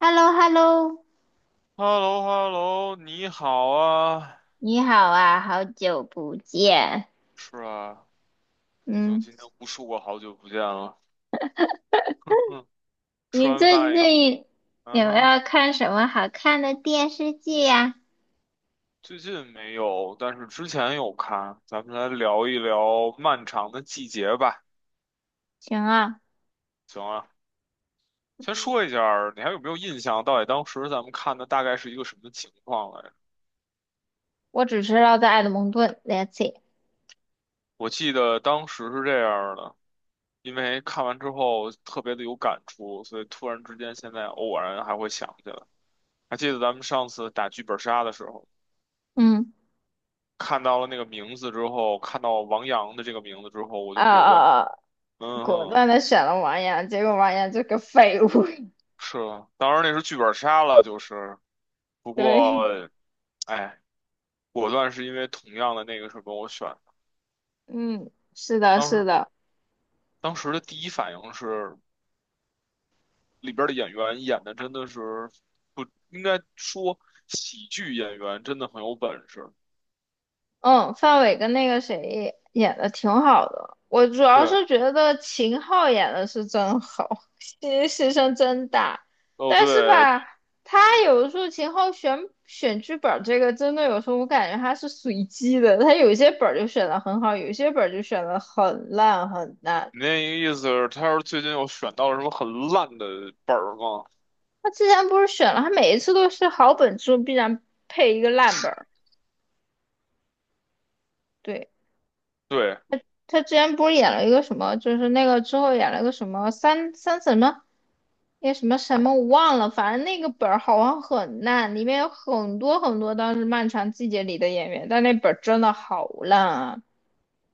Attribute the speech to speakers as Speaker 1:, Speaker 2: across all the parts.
Speaker 1: h e l l o h e l l o
Speaker 2: h e l l o hello 你好啊。
Speaker 1: 你好啊，好久不见。
Speaker 2: 是啊，已经
Speaker 1: 嗯，
Speaker 2: 今天无数个好久不见了。嗯，吃
Speaker 1: 你
Speaker 2: 完
Speaker 1: 最
Speaker 2: 饭以后，
Speaker 1: 近
Speaker 2: 嗯
Speaker 1: 有没
Speaker 2: 哼，
Speaker 1: 有看什么好看的电视剧呀、
Speaker 2: 最近没有，但是之前有看。咱们来聊一聊漫长的季节吧，
Speaker 1: 行啊，
Speaker 2: 行啊。先
Speaker 1: 嗯
Speaker 2: 说一下儿你还有没有印象？到底当时咱们看的大概是一个什么情况来着？
Speaker 1: 我只知道在爱德蒙顿 l e t s see。
Speaker 2: 我记得当时是这样儿的，因为看完之后特别的有感触，所以突然之间现在偶然还会想起来。还记得咱们上次打剧本杀的时候。
Speaker 1: 嗯，
Speaker 2: 看到了那个名字之后，看到王阳的这个名字之后，我就
Speaker 1: 啊
Speaker 2: 果断，
Speaker 1: 啊啊！
Speaker 2: 嗯
Speaker 1: 果
Speaker 2: 哼，
Speaker 1: 断的选了王阳，结果王阳这个废物。
Speaker 2: 是啊，当然那是剧本杀了，就是，不 过，
Speaker 1: 对，
Speaker 2: 哎，果断是因为同样的那个什么，我选的，
Speaker 1: 嗯，是的，
Speaker 2: 当
Speaker 1: 是
Speaker 2: 时
Speaker 1: 的。
Speaker 2: 当时的第一反应是里边的演员演的真的是不应该说喜剧演员真的很有本事，
Speaker 1: 嗯，范伟跟那个谁演的挺好的，我主要
Speaker 2: 对，
Speaker 1: 是觉得秦昊演的是真好，牺牲真大。
Speaker 2: 哦
Speaker 1: 但是
Speaker 2: 对，
Speaker 1: 吧，他有的时候秦昊选剧本儿这个，真的有时候我感觉他是随机的，他有些本儿就选的很好，有些本儿就选的很烂很烂。
Speaker 2: 你那意思是他要是最近又选到了什么很烂的本儿吗？
Speaker 1: 他之前不是选了，他每一次都是好本之后必然配一个烂本儿，对。
Speaker 2: 对。
Speaker 1: 他之前不是演了一个什么，就是那个之后演了个什么三三什么，那什么什么我忘了，反正那个本儿好像很烂，里面有很多很多当时《漫长季节》里的演员，但那本儿真的好烂啊。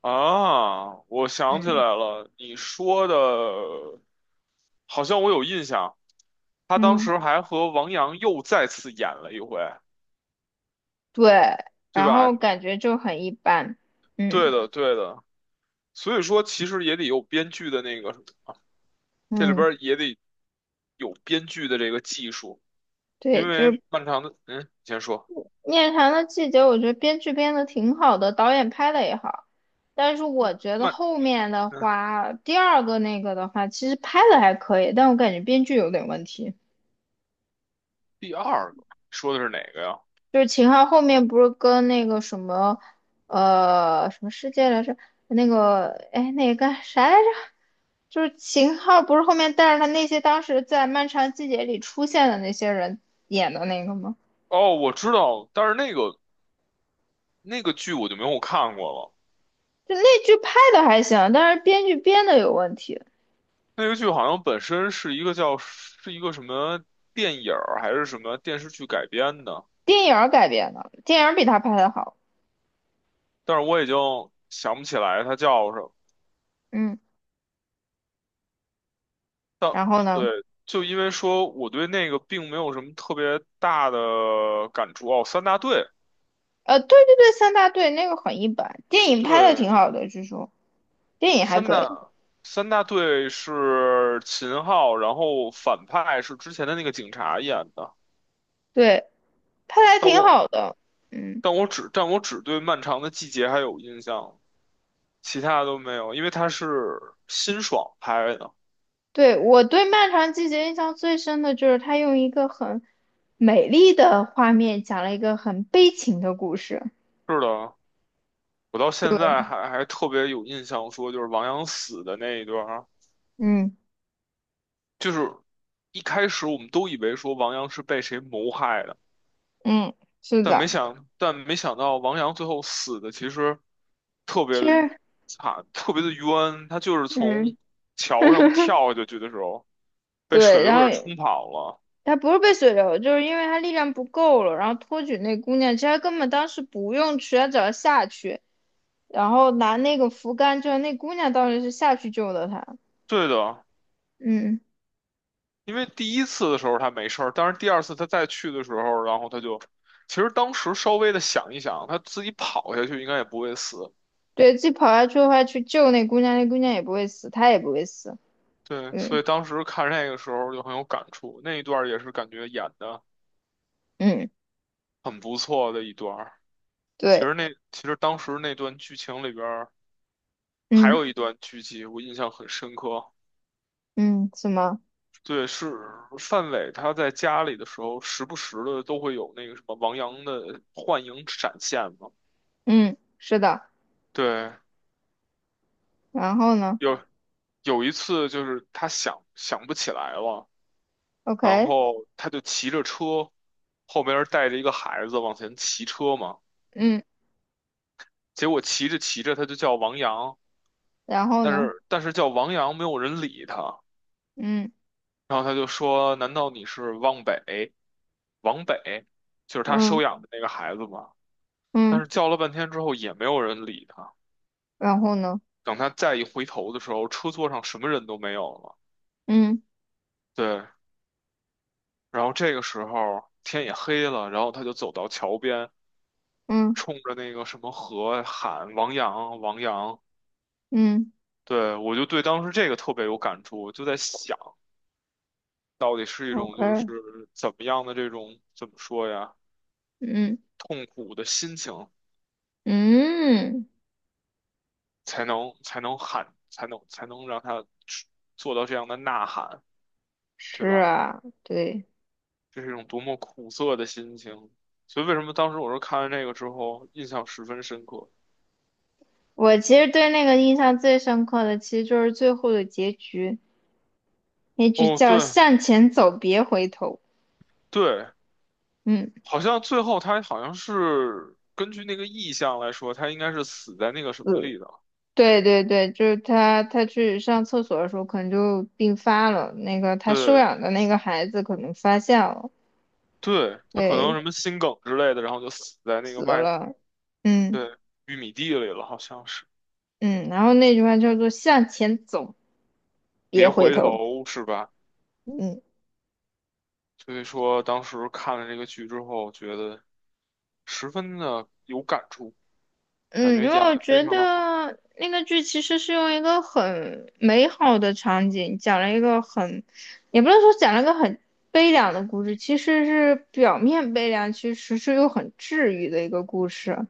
Speaker 2: 啊，我想起来
Speaker 1: 嗯，
Speaker 2: 了，你说的，好像我有印象。他当
Speaker 1: 嗯，
Speaker 2: 时还和王阳又再次演了一回，
Speaker 1: 对，
Speaker 2: 对
Speaker 1: 然后
Speaker 2: 吧？
Speaker 1: 感觉就很一般。
Speaker 2: 对
Speaker 1: 嗯
Speaker 2: 的，对的。所以说，其实也得有编剧的那个，这里边
Speaker 1: 嗯，
Speaker 2: 儿也得有编剧的这个技术，
Speaker 1: 对，
Speaker 2: 因
Speaker 1: 就
Speaker 2: 为
Speaker 1: 是
Speaker 2: 漫长的，嗯，你先说，
Speaker 1: 面谈的季节》，我觉得编剧编的挺好的，导演拍的也好，但是我觉得
Speaker 2: 漫，
Speaker 1: 后面的
Speaker 2: 嗯，
Speaker 1: 话，第二个那个的话，其实拍的还可以，但我感觉编剧有点问题。
Speaker 2: 第二个说的是哪个呀？
Speaker 1: 就是秦昊后面不是跟那个什么，什么世界来着？那个，哎，那个啥来着？就是秦昊不是后面带着他那些当时在《漫长季节》里出现的那些人演的那个吗？
Speaker 2: 哦，我知道，但是那个剧我就没有看过了。
Speaker 1: 就那剧拍的还行，但是编剧编的有问题。
Speaker 2: 那个剧好像本身是一个叫是一个什么电影儿还是什么电视剧改编的，
Speaker 1: 电影儿改编的，电影儿比他拍的好。
Speaker 2: 但是我已经想不起来它叫什么。
Speaker 1: 嗯，
Speaker 2: 但
Speaker 1: 然后呢，
Speaker 2: 对，就因为说我对那个并没有什么特别大的感触哦。三大队，
Speaker 1: 对对对，三大队那个很一般，电影拍的
Speaker 2: 对，
Speaker 1: 挺好的，据说电影还
Speaker 2: 三
Speaker 1: 可以，
Speaker 2: 大三大队是秦昊，然后反派是之前的那个警察演的。
Speaker 1: 对，拍的还
Speaker 2: 但
Speaker 1: 挺好
Speaker 2: 我
Speaker 1: 的。嗯，
Speaker 2: 但我只对《漫长的季节》还有印象。其他的都没有，因为它是辛爽拍的。
Speaker 1: 对，我对《漫长季节》印象最深的就是他用一个很美丽的画面讲了一个很悲情的故事。
Speaker 2: 是的，我到现
Speaker 1: 对，
Speaker 2: 在还特别有印象，说就是王阳死的那一段儿，
Speaker 1: 嗯
Speaker 2: 就是一开始我们都以为说王阳是被谁谋害的，
Speaker 1: 嗯，是
Speaker 2: 但没
Speaker 1: 的，
Speaker 2: 想但没想到王阳最后死的其实特别
Speaker 1: 其
Speaker 2: 的
Speaker 1: 实，
Speaker 2: 惨，特别的冤。他就是从
Speaker 1: 嗯，
Speaker 2: 桥上跳下去的时候被水
Speaker 1: 对，
Speaker 2: 流
Speaker 1: 然后
Speaker 2: 给冲跑了。
Speaker 1: 他不是被水流，就是因为他力量不够了，然后托举那姑娘。其实他根本当时不用去，他只要下去，然后拿那个扶杆，就是那姑娘当时是下去救的他。
Speaker 2: 对的，
Speaker 1: 嗯，
Speaker 2: 因为第一次的时候他没事儿，但是第二次他再去的时候，然后他就，其实当时稍微的想一想，他自己跑下去应该也不会死。
Speaker 1: 对，自己跑下去的话去救那姑娘，那姑娘也不会死，他也不会死。
Speaker 2: 对，所
Speaker 1: 嗯
Speaker 2: 以当时看那个时候就很有感触，那一段儿也是感觉演的
Speaker 1: 嗯，
Speaker 2: 很不错的一段儿。其
Speaker 1: 对，
Speaker 2: 实当时那段剧情里边儿还
Speaker 1: 嗯
Speaker 2: 有一段剧集我印象很深刻，
Speaker 1: 嗯，什么？
Speaker 2: 对，是范伟他在家里的时候，时不时的都会有那个什么王阳的幻影闪现嘛。
Speaker 1: 嗯，是的。
Speaker 2: 对，
Speaker 1: 然后呢
Speaker 2: 有一次就是他想不起来了，然
Speaker 1: ？OK，
Speaker 2: 后他就骑着车，后边儿带着一个孩子往前骑车嘛，
Speaker 1: 嗯，
Speaker 2: 结果骑着骑着他就叫王阳，
Speaker 1: 然后
Speaker 2: 但
Speaker 1: 呢？
Speaker 2: 是但是叫王阳没有人理他，
Speaker 1: 嗯
Speaker 2: 然后他就说：“难道你是汪北？王北，就是他
Speaker 1: 嗯
Speaker 2: 收养的那个孩子嘛？”但是
Speaker 1: 嗯，
Speaker 2: 叫了半天之后也没有人理他，
Speaker 1: 然后呢？
Speaker 2: 等他再一回头的时候，车座上什么人都没有了。
Speaker 1: 嗯
Speaker 2: 对，然后这个时候天也黑了，然后他就走到桥边。
Speaker 1: 嗯
Speaker 2: 冲着那个什么河喊“王阳，王阳”，
Speaker 1: 嗯
Speaker 2: 对，我就对当时这个特别有感触，我就在想，到底是一种就
Speaker 1: ，OK，
Speaker 2: 是怎么样的这种怎么说呀，
Speaker 1: 嗯
Speaker 2: 痛苦的心情
Speaker 1: 嗯。
Speaker 2: 才能喊，才能让他做到这样的呐喊，对
Speaker 1: 是
Speaker 2: 吧？
Speaker 1: 啊，对，
Speaker 2: 这是一种多么苦涩的心情。所以为什么当时我说看完这个之后印象十分深刻？
Speaker 1: 我其实对那个印象最深刻的，其实就是最后的结局，那句
Speaker 2: 哦，
Speaker 1: 叫
Speaker 2: 对
Speaker 1: “向前走，别回头”。
Speaker 2: 对，
Speaker 1: 嗯，
Speaker 2: 好像最后他好像是根据那个意象来说，他应该是死在那个什么
Speaker 1: 嗯，
Speaker 2: 里的。
Speaker 1: 对对对，就是他，他去上厕所的时候，可能就病发了。那个他收
Speaker 2: 对
Speaker 1: 养的那个孩子可能发现了，
Speaker 2: 对，他可能
Speaker 1: 对，
Speaker 2: 什么心梗之类的，然后就死在那个
Speaker 1: 死
Speaker 2: 麦，
Speaker 1: 了。嗯
Speaker 2: 对，玉米地里了，好像是。
Speaker 1: 嗯，然后那句话叫做“向前走，
Speaker 2: 别
Speaker 1: 别回
Speaker 2: 回
Speaker 1: 头”。
Speaker 2: 头是吧？
Speaker 1: 嗯。
Speaker 2: 所以说当时看了这个剧之后，觉得十分的有感触，感
Speaker 1: 嗯，
Speaker 2: 觉
Speaker 1: 因为
Speaker 2: 演
Speaker 1: 我
Speaker 2: 得非
Speaker 1: 觉
Speaker 2: 常的好。
Speaker 1: 得那个剧其实是用一个很美好的场景，讲了一个很，也不能说讲了一个很悲凉的故事，其实是表面悲凉，其实是又很治愈的一个故事。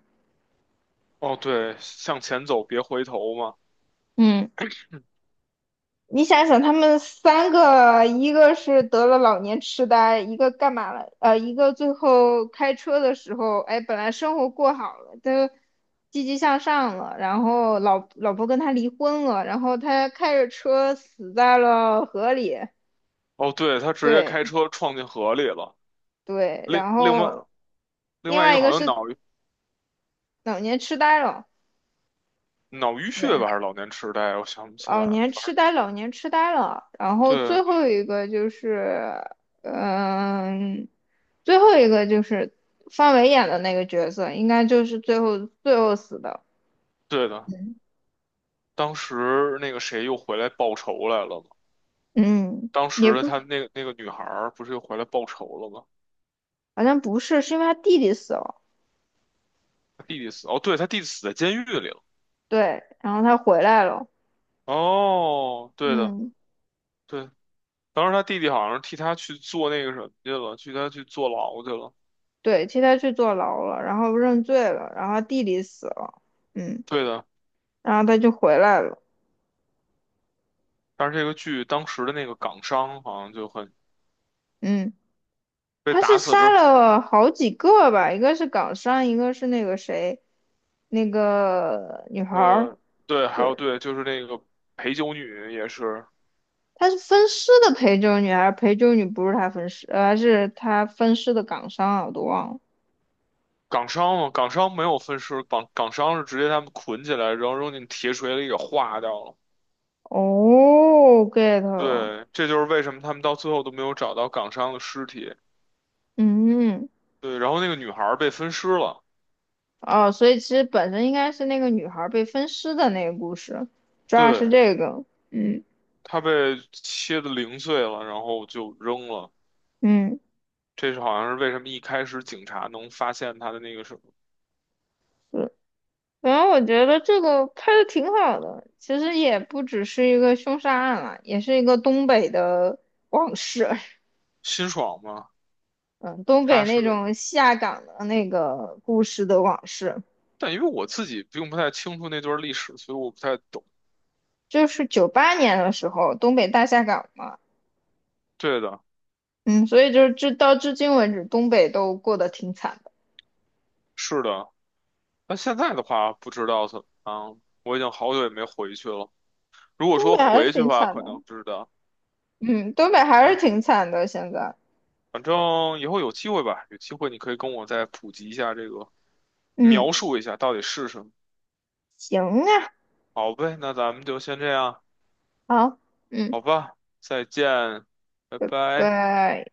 Speaker 2: 哦，对，向前走，别回头嘛。
Speaker 1: 嗯。你想想，他们三个，一个是得了老年痴呆，一个干嘛了？一个最后开车的时候，哎，本来生活过好了，都积极向上了，然后老婆跟他离婚了，然后他开着车死在了河里。
Speaker 2: 哦，对，他直接
Speaker 1: 对
Speaker 2: 开车撞进河里了。
Speaker 1: 对，
Speaker 2: 另
Speaker 1: 然
Speaker 2: 另外
Speaker 1: 后
Speaker 2: 另
Speaker 1: 另
Speaker 2: 外一
Speaker 1: 外
Speaker 2: 个
Speaker 1: 一
Speaker 2: 好
Speaker 1: 个
Speaker 2: 像
Speaker 1: 是
Speaker 2: 脑
Speaker 1: 老年痴呆了。
Speaker 2: 脑淤血吧，
Speaker 1: 对。
Speaker 2: 还是老年痴呆？我想不起来
Speaker 1: 老
Speaker 2: 了。
Speaker 1: 年痴呆，老年痴呆了。然后
Speaker 2: 对，
Speaker 1: 最后一个就是，嗯，最后一个就是范伟演的那个角色，应该就是最后最后死的。
Speaker 2: 对的，当时那个谁又回来报仇来了嘛？
Speaker 1: 嗯，
Speaker 2: 当
Speaker 1: 也
Speaker 2: 时
Speaker 1: 不，
Speaker 2: 他那个女孩儿不是又回来报仇了吗？
Speaker 1: 好像不是，是因为他弟弟死了。
Speaker 2: 他弟弟死，哦，对，他弟弟死在监狱里了。
Speaker 1: 对，然后他回来了。
Speaker 2: 哦，对的，
Speaker 1: 嗯，
Speaker 2: 对，当时他弟弟好像是替他去做那个什么去了，替他去坐牢去了。
Speaker 1: 对，替他去坐牢了，然后认罪了，然后他弟弟死了。嗯，
Speaker 2: 对的，
Speaker 1: 然后他就回来了。
Speaker 2: 但是这个剧当时的那个港商好像就很
Speaker 1: 嗯。
Speaker 2: 被
Speaker 1: 他
Speaker 2: 打
Speaker 1: 是
Speaker 2: 死
Speaker 1: 杀
Speaker 2: 之，
Speaker 1: 了好几个吧，一个是港商，一个是那个谁，那个女孩儿，
Speaker 2: 呃，对，还
Speaker 1: 对，
Speaker 2: 有对，就是那个陪酒女也是。
Speaker 1: 他是分尸的陪酒女，还是陪酒女不是他分尸，还是他分尸的港商啊，我都忘了。
Speaker 2: 港商嘛，港商没有分尸，港商是直接他们捆起来，然后扔进铁锤里给化掉了。
Speaker 1: 哦，get 了，
Speaker 2: 对，这就是为什么他们到最后都没有找到港商的尸体。
Speaker 1: 嗯，
Speaker 2: 对，然后那个女孩儿被分尸了，
Speaker 1: 哦，所以其实本身应该是那个女孩儿被分尸的那个故事，主要是
Speaker 2: 对，
Speaker 1: 这个，嗯
Speaker 2: 她被切得零碎了，然后就扔了。
Speaker 1: 嗯，
Speaker 2: 这是好像是为什么一开始警察能发现她的那个什么
Speaker 1: 对，然后我觉得这个拍的挺好的，其实也不只是一个凶杀案了，也是一个东北的往事，
Speaker 2: 辛爽嘛，
Speaker 1: 嗯，东北
Speaker 2: 她
Speaker 1: 那
Speaker 2: 是，
Speaker 1: 种下岗的那个故事的往事，
Speaker 2: 但因为我自己并不太清楚那段历史，所以我不太懂。
Speaker 1: 就是98年的时候东北大下岗嘛，
Speaker 2: 对的，
Speaker 1: 嗯，所以就是至到至今为止，东北都过得挺惨的，
Speaker 2: 是的。那现在的话，不知道怎么样，我已经好久也没回去了。如果
Speaker 1: 东
Speaker 2: 说
Speaker 1: 北还是
Speaker 2: 回去的
Speaker 1: 挺
Speaker 2: 话，
Speaker 1: 惨
Speaker 2: 可
Speaker 1: 的，
Speaker 2: 能知道。
Speaker 1: 嗯，东北还是
Speaker 2: 反
Speaker 1: 挺惨的，现在，
Speaker 2: 反正以后有机会吧，有机会你可以跟我再普及一下这个，描
Speaker 1: 嗯，
Speaker 2: 述一下到底是什么。
Speaker 1: 行啊，
Speaker 2: 好呗，那咱们就先这样，
Speaker 1: 好，嗯，
Speaker 2: 好吧，再见，拜拜。
Speaker 1: 拜。